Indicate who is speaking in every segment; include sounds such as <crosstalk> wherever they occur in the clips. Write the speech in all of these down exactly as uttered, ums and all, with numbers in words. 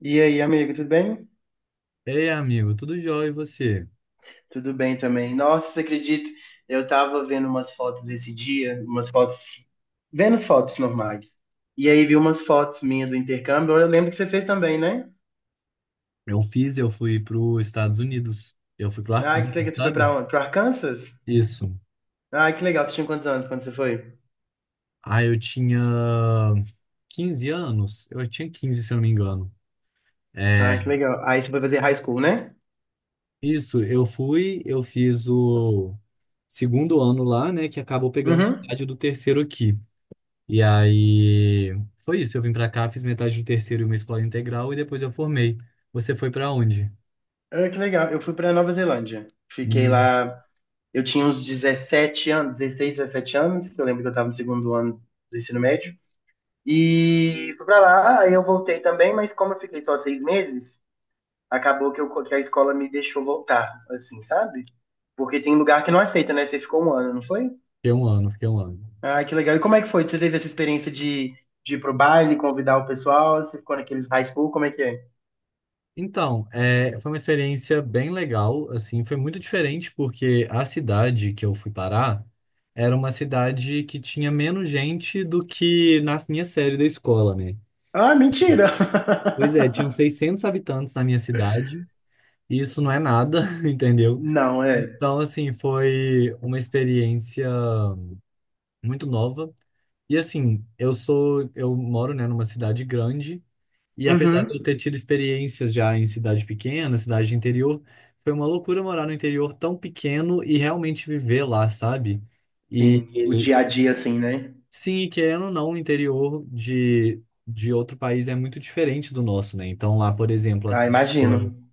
Speaker 1: E aí, amigo, tudo bem?
Speaker 2: Ei, amigo, tudo jóia e você?
Speaker 1: Tudo bem também. Nossa, você acredita? Eu tava vendo umas fotos esse dia, umas fotos, vendo as fotos normais. E aí vi umas fotos minhas do intercâmbio. Eu lembro que você fez também, né?
Speaker 2: Eu fiz, eu fui para os Estados Unidos. Eu fui pro
Speaker 1: Ah,
Speaker 2: Arkansas,
Speaker 1: que legal, você foi
Speaker 2: sabe?
Speaker 1: pra onde? Pro Arkansas?
Speaker 2: Isso.
Speaker 1: Ah, que legal, você tinha quantos anos quando você foi?
Speaker 2: Ah, eu tinha quinze anos. Eu tinha quinze se eu não me engano. É,
Speaker 1: Ah, que legal. Aí você foi fazer high school, né?
Speaker 2: isso, eu fui, eu fiz o segundo ano lá, né, que acabou pegando
Speaker 1: Uhum.
Speaker 2: metade do terceiro aqui. E aí foi isso, eu vim pra cá, fiz metade do terceiro em uma escola integral e depois eu formei. Você foi pra onde?
Speaker 1: Ah, que legal. Eu fui pra Nova Zelândia. Fiquei
Speaker 2: Hum,
Speaker 1: lá, eu tinha uns dezessete anos, dezesseis, dezessete anos, que eu lembro que eu tava no segundo ano do ensino médio. E fui pra lá, aí eu voltei também, mas como eu fiquei só seis meses, acabou que, eu, que a escola me deixou voltar, assim, sabe? Porque tem lugar que não aceita, né? Você ficou um ano, não foi?
Speaker 2: fiquei um ano, fiquei um ano.
Speaker 1: Ah, que legal. E como é que foi? Você teve essa experiência de, de ir pro baile, convidar o pessoal? Você ficou naqueles high school? Como é que é?
Speaker 2: Então, é, foi uma experiência bem legal, assim, foi muito diferente porque a cidade que eu fui parar era uma cidade que tinha menos gente do que na minha série da escola, né?
Speaker 1: Ah, mentira!
Speaker 2: Pois é, tinham
Speaker 1: <laughs>
Speaker 2: seiscentos habitantes na minha cidade, e isso não é nada, <laughs> entendeu?
Speaker 1: Não, é.
Speaker 2: Então, assim, foi uma experiência muito nova. E assim, eu sou, eu moro, né, numa cidade grande. E apesar de eu
Speaker 1: Uhum.
Speaker 2: ter tido experiências já em cidade pequena, cidade de interior, foi uma loucura morar no interior tão pequeno e realmente viver lá, sabe? E
Speaker 1: Sim, o
Speaker 2: e,
Speaker 1: dia a dia, assim, né?
Speaker 2: sim, e querendo ou não, o interior de, de outro país é muito diferente do nosso, né? Então lá, por exemplo, as
Speaker 1: Ah,
Speaker 2: pessoas
Speaker 1: imagino.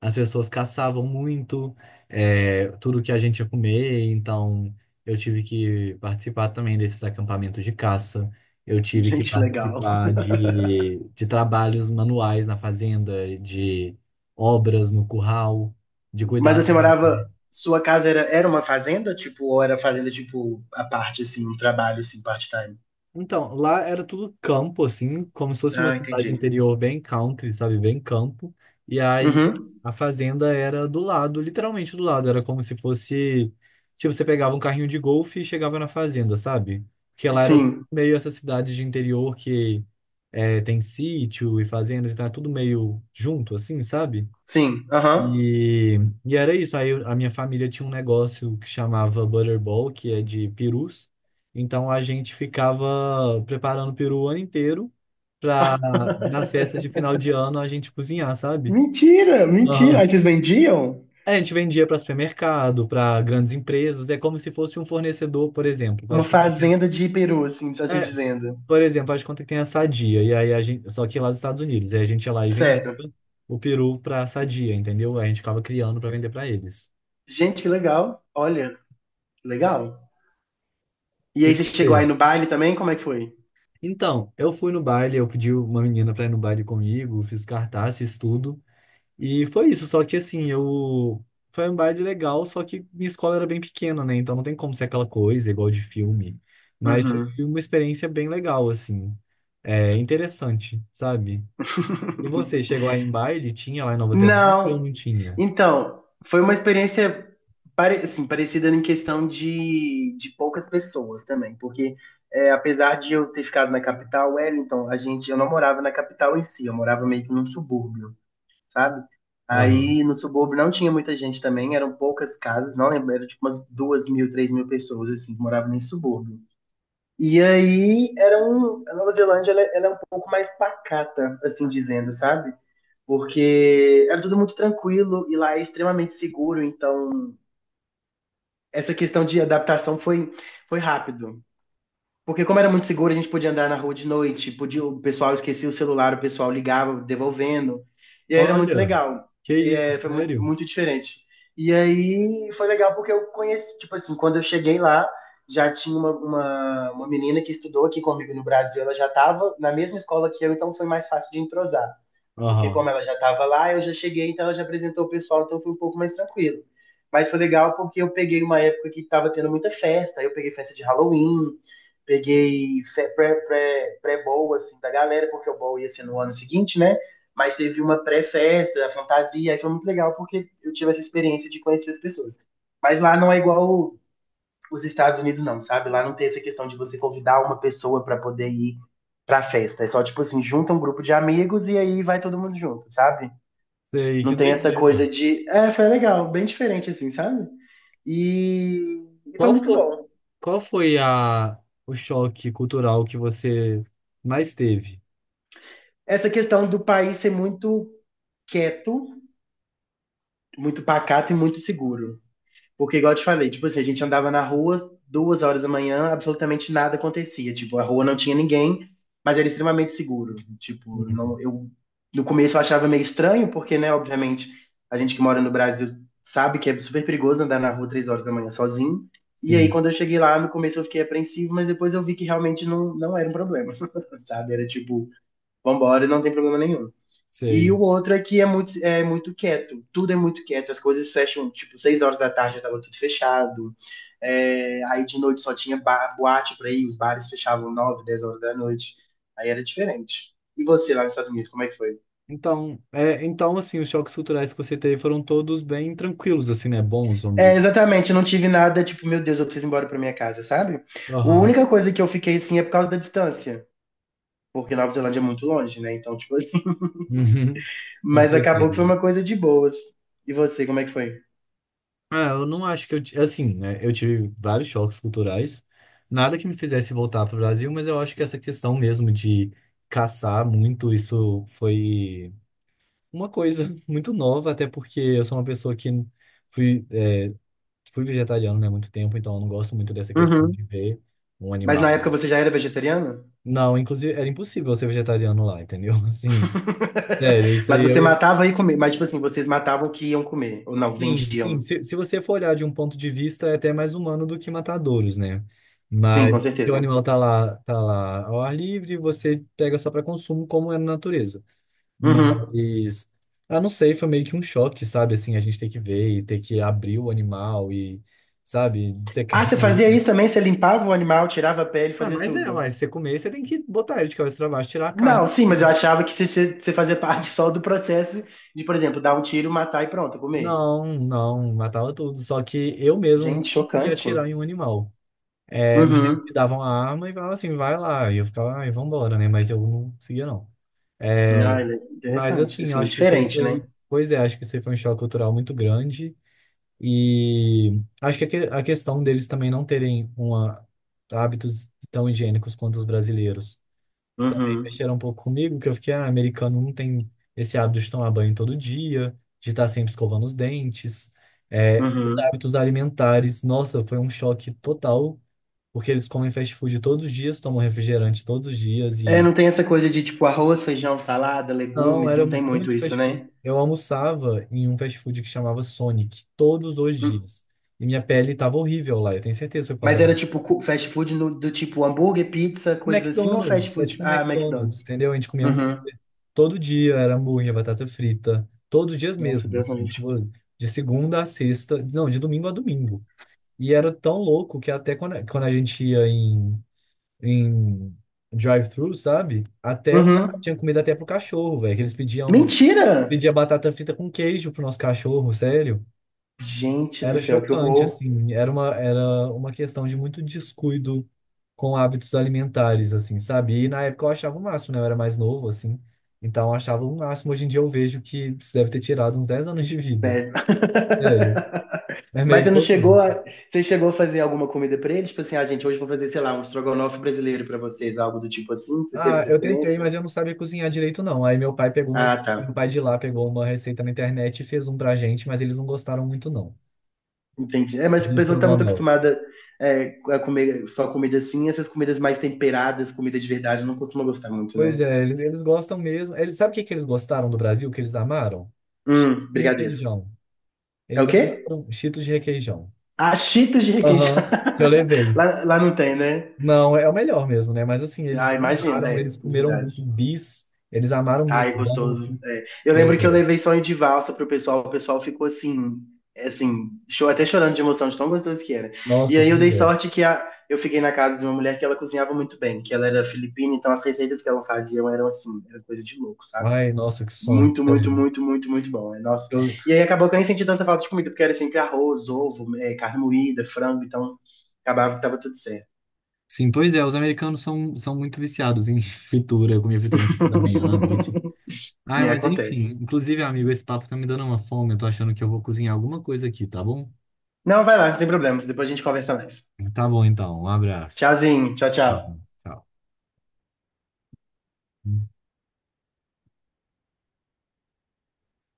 Speaker 2: as pessoas caçavam muito, é, tudo que a gente ia comer, então eu tive que participar também desses acampamentos de caça. Eu tive que
Speaker 1: Gente, legal.
Speaker 2: participar de, de trabalhos manuais na fazenda, de obras no curral, de
Speaker 1: Mas
Speaker 2: cuidar.
Speaker 1: você morava. Sua casa era, era uma fazenda, tipo, ou era fazenda, tipo, a parte, assim, um trabalho, assim, part-time?
Speaker 2: Então, lá era tudo campo, assim, como se fosse uma
Speaker 1: Ah,
Speaker 2: cidade
Speaker 1: entendi.
Speaker 2: interior bem country, sabe? Bem campo. E aí
Speaker 1: Uhum.
Speaker 2: a fazenda era do lado, literalmente do lado. Era como se fosse. Tipo, você pegava um carrinho de golfe e chegava na fazenda, sabe? Porque lá era
Speaker 1: Sim,
Speaker 2: meio essa cidade de interior que é, tem sítio e fazendas, então é tudo meio junto, assim, sabe?
Speaker 1: sim, aham.
Speaker 2: E, e era isso. Aí eu- a minha família tinha um negócio que chamava Butterball, que é de perus. Então a gente ficava preparando peru o ano inteiro para nas festas de final de ano a gente cozinhar, sabe?
Speaker 1: Mentira, mentira. Aí
Speaker 2: Aham.
Speaker 1: vocês vendiam
Speaker 2: É, a gente vendia para supermercado, para grandes empresas. É como se fosse um fornecedor, por exemplo. Faz
Speaker 1: uma
Speaker 2: de conta que tem
Speaker 1: fazenda
Speaker 2: a-
Speaker 1: de peru, assim, assim
Speaker 2: é,
Speaker 1: dizendo.
Speaker 2: por exemplo, faz de conta que tem a Sadia. E aí a gente, só que lá dos Estados Unidos. Aí a gente ia lá e vendia
Speaker 1: Certo.
Speaker 2: o peru para a Sadia, entendeu? Aí a gente ficava criando para vender para eles.
Speaker 1: Gente, que legal. Olha, legal. E
Speaker 2: E
Speaker 1: aí você chegou
Speaker 2: você?
Speaker 1: aí no baile também? Como é que foi?
Speaker 2: Então, eu fui no baile, eu pedi uma menina pra ir no baile comigo, fiz cartaz, fiz tudo. E foi isso, só que assim, eu. Foi um baile legal, só que minha escola era bem pequena, né? Então não tem como ser aquela coisa igual de filme. Mas foi
Speaker 1: Uhum.
Speaker 2: uma experiência bem legal, assim. É interessante, sabe? E você,
Speaker 1: <laughs>
Speaker 2: chegou aí em baile? Tinha lá em Nova Zelândia ou
Speaker 1: Não,
Speaker 2: não tinha?
Speaker 1: então, foi uma experiência pare- assim, parecida em questão de, de poucas pessoas também, porque é, apesar de eu ter ficado na capital, Wellington, a gente, eu não morava na capital em si, eu morava meio que num subúrbio, sabe?
Speaker 2: Aham.
Speaker 1: Aí no subúrbio não tinha muita gente também, eram poucas casas, não lembro, era tipo umas duas mil, três mil pessoas assim, que moravam nesse subúrbio. E aí era um, a Nova Zelândia ela, ela é um pouco mais pacata, assim dizendo, sabe? Porque era tudo muito tranquilo e lá é extremamente seguro, então essa questão de adaptação foi, foi rápido. Porque como era muito seguro, a gente podia andar na rua de noite, podia, o pessoal esquecia o celular, o pessoal ligava, devolvendo, e aí era muito
Speaker 2: Olha,
Speaker 1: legal.
Speaker 2: que
Speaker 1: E,
Speaker 2: isso,
Speaker 1: é, foi muito,
Speaker 2: sério?
Speaker 1: muito diferente. E aí foi legal porque eu conheci, tipo assim, quando eu cheguei lá, já tinha uma, uma, uma menina que estudou aqui comigo no Brasil, ela já estava na mesma escola que eu, então foi mais fácil de entrosar porque
Speaker 2: Aham.
Speaker 1: como ela já estava lá, eu já cheguei, então ela já apresentou o pessoal, então foi um pouco mais tranquilo. Mas foi legal porque eu peguei uma época que estava tendo muita festa, aí eu peguei festa de Halloween, peguei fe- pré, pré, pré-bowl, assim, da galera, porque o bowl ia ser no ano seguinte, né? Mas teve uma pré-festa, a fantasia, aí foi muito legal porque eu tive essa experiência de conhecer as pessoas. Mas lá não é igual os Estados Unidos não, sabe? Lá não tem essa questão de você convidar uma pessoa para poder ir pra festa. É só tipo assim, junta um grupo de amigos e aí vai todo mundo junto, sabe?
Speaker 2: Sei,
Speaker 1: Não
Speaker 2: que
Speaker 1: tem essa
Speaker 2: doideira.
Speaker 1: coisa de. É, foi legal, bem diferente assim, sabe? E, e foi
Speaker 2: Qual
Speaker 1: muito
Speaker 2: foi?
Speaker 1: bom.
Speaker 2: Qual foi a, o choque cultural que você mais teve?
Speaker 1: Essa questão do país ser muito quieto, muito pacato e muito seguro. Porque, igual eu te falei, tipo assim, a gente andava na rua duas horas da manhã, absolutamente nada acontecia. Tipo, a rua não tinha ninguém, mas era extremamente seguro. Tipo,
Speaker 2: Uhum.
Speaker 1: não, eu no começo eu achava meio estranho, porque, né, obviamente, a gente que mora no Brasil sabe que é super perigoso andar na rua três horas da manhã sozinho. E aí,
Speaker 2: Sim,
Speaker 1: quando eu cheguei lá, no começo eu fiquei apreensivo, mas depois eu vi que realmente não, não era um problema, <laughs> sabe? Era tipo, vambora, não tem problema nenhum. E
Speaker 2: sei.
Speaker 1: o outro é que é muito, é muito quieto, tudo é muito quieto, as coisas fecham, tipo, seis horas da tarde já tava tudo fechado. É, aí de noite só tinha bar, boate pra ir, os bares fechavam nove dez horas da noite, aí era diferente. E você lá nos Estados Unidos, como é que foi?
Speaker 2: Então, é, então, assim, os choques culturais que você teve foram todos bem tranquilos, assim, né? Bons, vamos
Speaker 1: É,
Speaker 2: dizer.
Speaker 1: exatamente, eu não tive nada, tipo, meu Deus, eu preciso ir embora pra minha casa, sabe? A
Speaker 2: Aham.
Speaker 1: única coisa que eu fiquei, assim, é por causa da distância, porque Nova Zelândia é muito longe, né? Então, tipo assim,
Speaker 2: Uhum.
Speaker 1: <laughs>
Speaker 2: <laughs> Com
Speaker 1: mas acabou que foi
Speaker 2: certeza.
Speaker 1: uma coisa de boas. E você, como é que foi?
Speaker 2: Ah, eu não acho que eu, ti- assim, né? Eu tive vários choques culturais, nada que me fizesse voltar para o Brasil, mas eu acho que essa questão mesmo de caçar muito, isso foi uma coisa <laughs> muito nova, até porque eu sou uma pessoa que fui fui vegetariano, né, há muito tempo, então eu não gosto muito dessa questão
Speaker 1: Uhum.
Speaker 2: de ver um
Speaker 1: Mas
Speaker 2: animal.
Speaker 1: na época você já era vegetariano?
Speaker 2: Não, inclusive era impossível eu ser vegetariano lá, entendeu? <laughs> Assim,
Speaker 1: <laughs>
Speaker 2: sério, isso
Speaker 1: Mas
Speaker 2: aí eu
Speaker 1: você
Speaker 2: ia.
Speaker 1: matava e comia. Mas, tipo assim, vocês matavam o que iam comer. Ou não,
Speaker 2: Sim, sim.
Speaker 1: vendiam.
Speaker 2: Se, se você for olhar de um ponto de vista, é até mais humano do que matadouros, né?
Speaker 1: Sim,
Speaker 2: Mas
Speaker 1: com
Speaker 2: que o
Speaker 1: certeza.
Speaker 2: animal tá lá, tá lá ao ar livre, você pega só para consumo, como é na natureza.
Speaker 1: Uhum.
Speaker 2: Mas, ah, não sei, foi meio que um choque, sabe? Assim, a gente ter que ver e ter que abrir o animal e, sabe,
Speaker 1: Ah,
Speaker 2: dissecar
Speaker 1: você fazia
Speaker 2: ele.
Speaker 1: isso também? Você limpava o animal, tirava a pele,
Speaker 2: Ah,
Speaker 1: fazia
Speaker 2: mas é, ué,
Speaker 1: tudo?
Speaker 2: você comer, você tem que botar ele de cabeça pra baixo, tirar a carne.
Speaker 1: Não, sim, mas
Speaker 2: É.
Speaker 1: eu achava que você- você fazia parte só do processo de, por exemplo, dar um tiro, matar e pronto, comer.
Speaker 2: Não, não, matava tudo. Só que eu mesmo
Speaker 1: Gente,
Speaker 2: nunca conseguia
Speaker 1: chocante.
Speaker 2: atirar em um animal. É, mas eles me
Speaker 1: Uhum.
Speaker 2: davam a arma e falavam assim, vai lá. E eu ficava, ai, vambora, né? Mas eu não conseguia, não. É,
Speaker 1: Ah, ele-
Speaker 2: mas
Speaker 1: interessante.
Speaker 2: assim, eu
Speaker 1: Assim,
Speaker 2: acho que isso aí
Speaker 1: diferente,
Speaker 2: foi.
Speaker 1: né?
Speaker 2: Pois é, acho que isso aí foi um choque cultural muito grande. E acho que a que- a questão deles também não terem uma, hábitos tão higiênicos quanto os brasileiros
Speaker 1: Uhum.
Speaker 2: mexeram um pouco comigo, que eu fiquei, ah, americano não tem esse hábito de tomar banho todo dia, de estar sempre escovando os dentes. É, os
Speaker 1: Uhum.
Speaker 2: hábitos alimentares, nossa, foi um choque total, porque eles comem fast food todos os dias, tomam refrigerante todos os dias
Speaker 1: É,
Speaker 2: e
Speaker 1: não tem essa coisa de, tipo, arroz, feijão, salada,
Speaker 2: não,
Speaker 1: legumes,
Speaker 2: era
Speaker 1: não tem muito
Speaker 2: muito
Speaker 1: isso,
Speaker 2: fast food.
Speaker 1: né?
Speaker 2: Eu almoçava em um fast food que chamava Sonic todos os dias. E minha pele tava horrível lá, eu tenho certeza que foi por causa
Speaker 1: Mas
Speaker 2: da-
Speaker 1: era tipo cu- fast food no- do tipo hambúrguer, pizza, coisas assim, ou
Speaker 2: McDonald's,
Speaker 1: fast
Speaker 2: é
Speaker 1: food?
Speaker 2: tipo um
Speaker 1: Ah, McDonald's.
Speaker 2: McDonald's, entendeu? A gente comia.
Speaker 1: Uhum.
Speaker 2: Todo dia era hambúrguer, batata frita, todos os dias
Speaker 1: Nossa,
Speaker 2: mesmo,
Speaker 1: Deus me
Speaker 2: assim, tipo,
Speaker 1: livre.
Speaker 2: de segunda a sexta, não, de domingo a domingo. E era tão louco que até quando, quando a gente ia em, em drive-thru, sabe? Até o cara tinha
Speaker 1: Uhum.
Speaker 2: comida até pro cachorro, velho, que eles pediam,
Speaker 1: Mentira!
Speaker 2: pedia batata frita com queijo pro nosso cachorro, sério.
Speaker 1: Gente do
Speaker 2: Era
Speaker 1: céu, que
Speaker 2: chocante,
Speaker 1: horror.
Speaker 2: assim, era uma, era uma questão de muito descuido com hábitos alimentares, assim, sabe? E na época eu achava o máximo, né? Eu era mais novo, assim, então eu achava o máximo. Hoje em dia eu vejo que isso deve ter tirado uns dez anos de vida,
Speaker 1: Péssimo.
Speaker 2: sério.
Speaker 1: <laughs>
Speaker 2: É meio
Speaker 1: Mas você não chegou
Speaker 2: chocante.
Speaker 1: a... Você chegou a fazer alguma comida pra eles? Tipo assim, ah, gente, hoje eu vou fazer, sei lá, um estrogonofe brasileiro pra vocês, algo do tipo assim? Você teve
Speaker 2: Ah,
Speaker 1: essa
Speaker 2: eu tentei,
Speaker 1: experiência?
Speaker 2: mas eu não sabia cozinhar direito, não. Aí meu pai pegou uma,
Speaker 1: Ah, tá.
Speaker 2: meu pai de lá pegou uma receita na internet e fez um pra gente, mas eles não gostaram muito, não,
Speaker 1: Entendi. É, mas a
Speaker 2: de
Speaker 1: pessoa que tá muito
Speaker 2: estrogonofe.
Speaker 1: acostumada, é, a comer só comida assim, essas comidas mais temperadas, comida de verdade, não costuma gostar muito, né?
Speaker 2: Pois é, eles, eles gostam mesmo. Eles, sabe o que que eles gostaram do Brasil, que eles amaram? Chips
Speaker 1: Hum,
Speaker 2: e
Speaker 1: brigadeiro.
Speaker 2: requeijão.
Speaker 1: É o
Speaker 2: Eles
Speaker 1: quê?
Speaker 2: amaram Cheetos de requeijão,
Speaker 1: Ah, Cheetos de requeijão.
Speaker 2: Aham, que eu
Speaker 1: <laughs>
Speaker 2: levei.
Speaker 1: Lá, lá não tem, né?
Speaker 2: Não, é o melhor mesmo, né? Mas assim, eles
Speaker 1: Ah, imagina,
Speaker 2: amaram,
Speaker 1: é,
Speaker 2: eles comeram
Speaker 1: verdade.
Speaker 2: muito bis, eles amaram
Speaker 1: Ai,
Speaker 2: bisão.
Speaker 1: gostoso. É. Eu
Speaker 2: Pois
Speaker 1: lembro que eu
Speaker 2: é.
Speaker 1: levei sonho de valsa pro pessoal, o pessoal ficou assim, é, assim, cho- até chorando de emoção, de tão gostoso que era. E
Speaker 2: Nossa,
Speaker 1: aí eu
Speaker 2: pois
Speaker 1: dei
Speaker 2: é.
Speaker 1: sorte que a- eu fiquei na casa de uma mulher que ela cozinhava muito bem, que ela era filipina, então as receitas que ela fazia eram assim, era coisa de louco, sabe?
Speaker 2: Ai, nossa, que sonho,
Speaker 1: Muito, muito,
Speaker 2: sério.
Speaker 1: muito, muito, muito bom. é, Nossa.
Speaker 2: Eu-
Speaker 1: E aí acabou que eu nem senti tanta falta de comida, porque era sempre arroz, ovo, é, carne moída, frango, então acabava que tava tudo certo.
Speaker 2: sim, pois é, os americanos são, são muito viciados em <laughs> fritura, eu comia fritura no café da manhã, à noite.
Speaker 1: <laughs> E
Speaker 2: Ai,
Speaker 1: aí
Speaker 2: mas enfim,
Speaker 1: acontece.
Speaker 2: inclusive, amigo, esse papo tá me dando uma fome, eu tô achando que eu vou cozinhar alguma coisa aqui, tá bom?
Speaker 1: Não, vai lá, sem problemas. Depois a gente conversa mais.
Speaker 2: Tá bom, então, um abraço.
Speaker 1: Tchauzinho, tchau,
Speaker 2: Tá bom,
Speaker 1: tchau.
Speaker 2: tchau.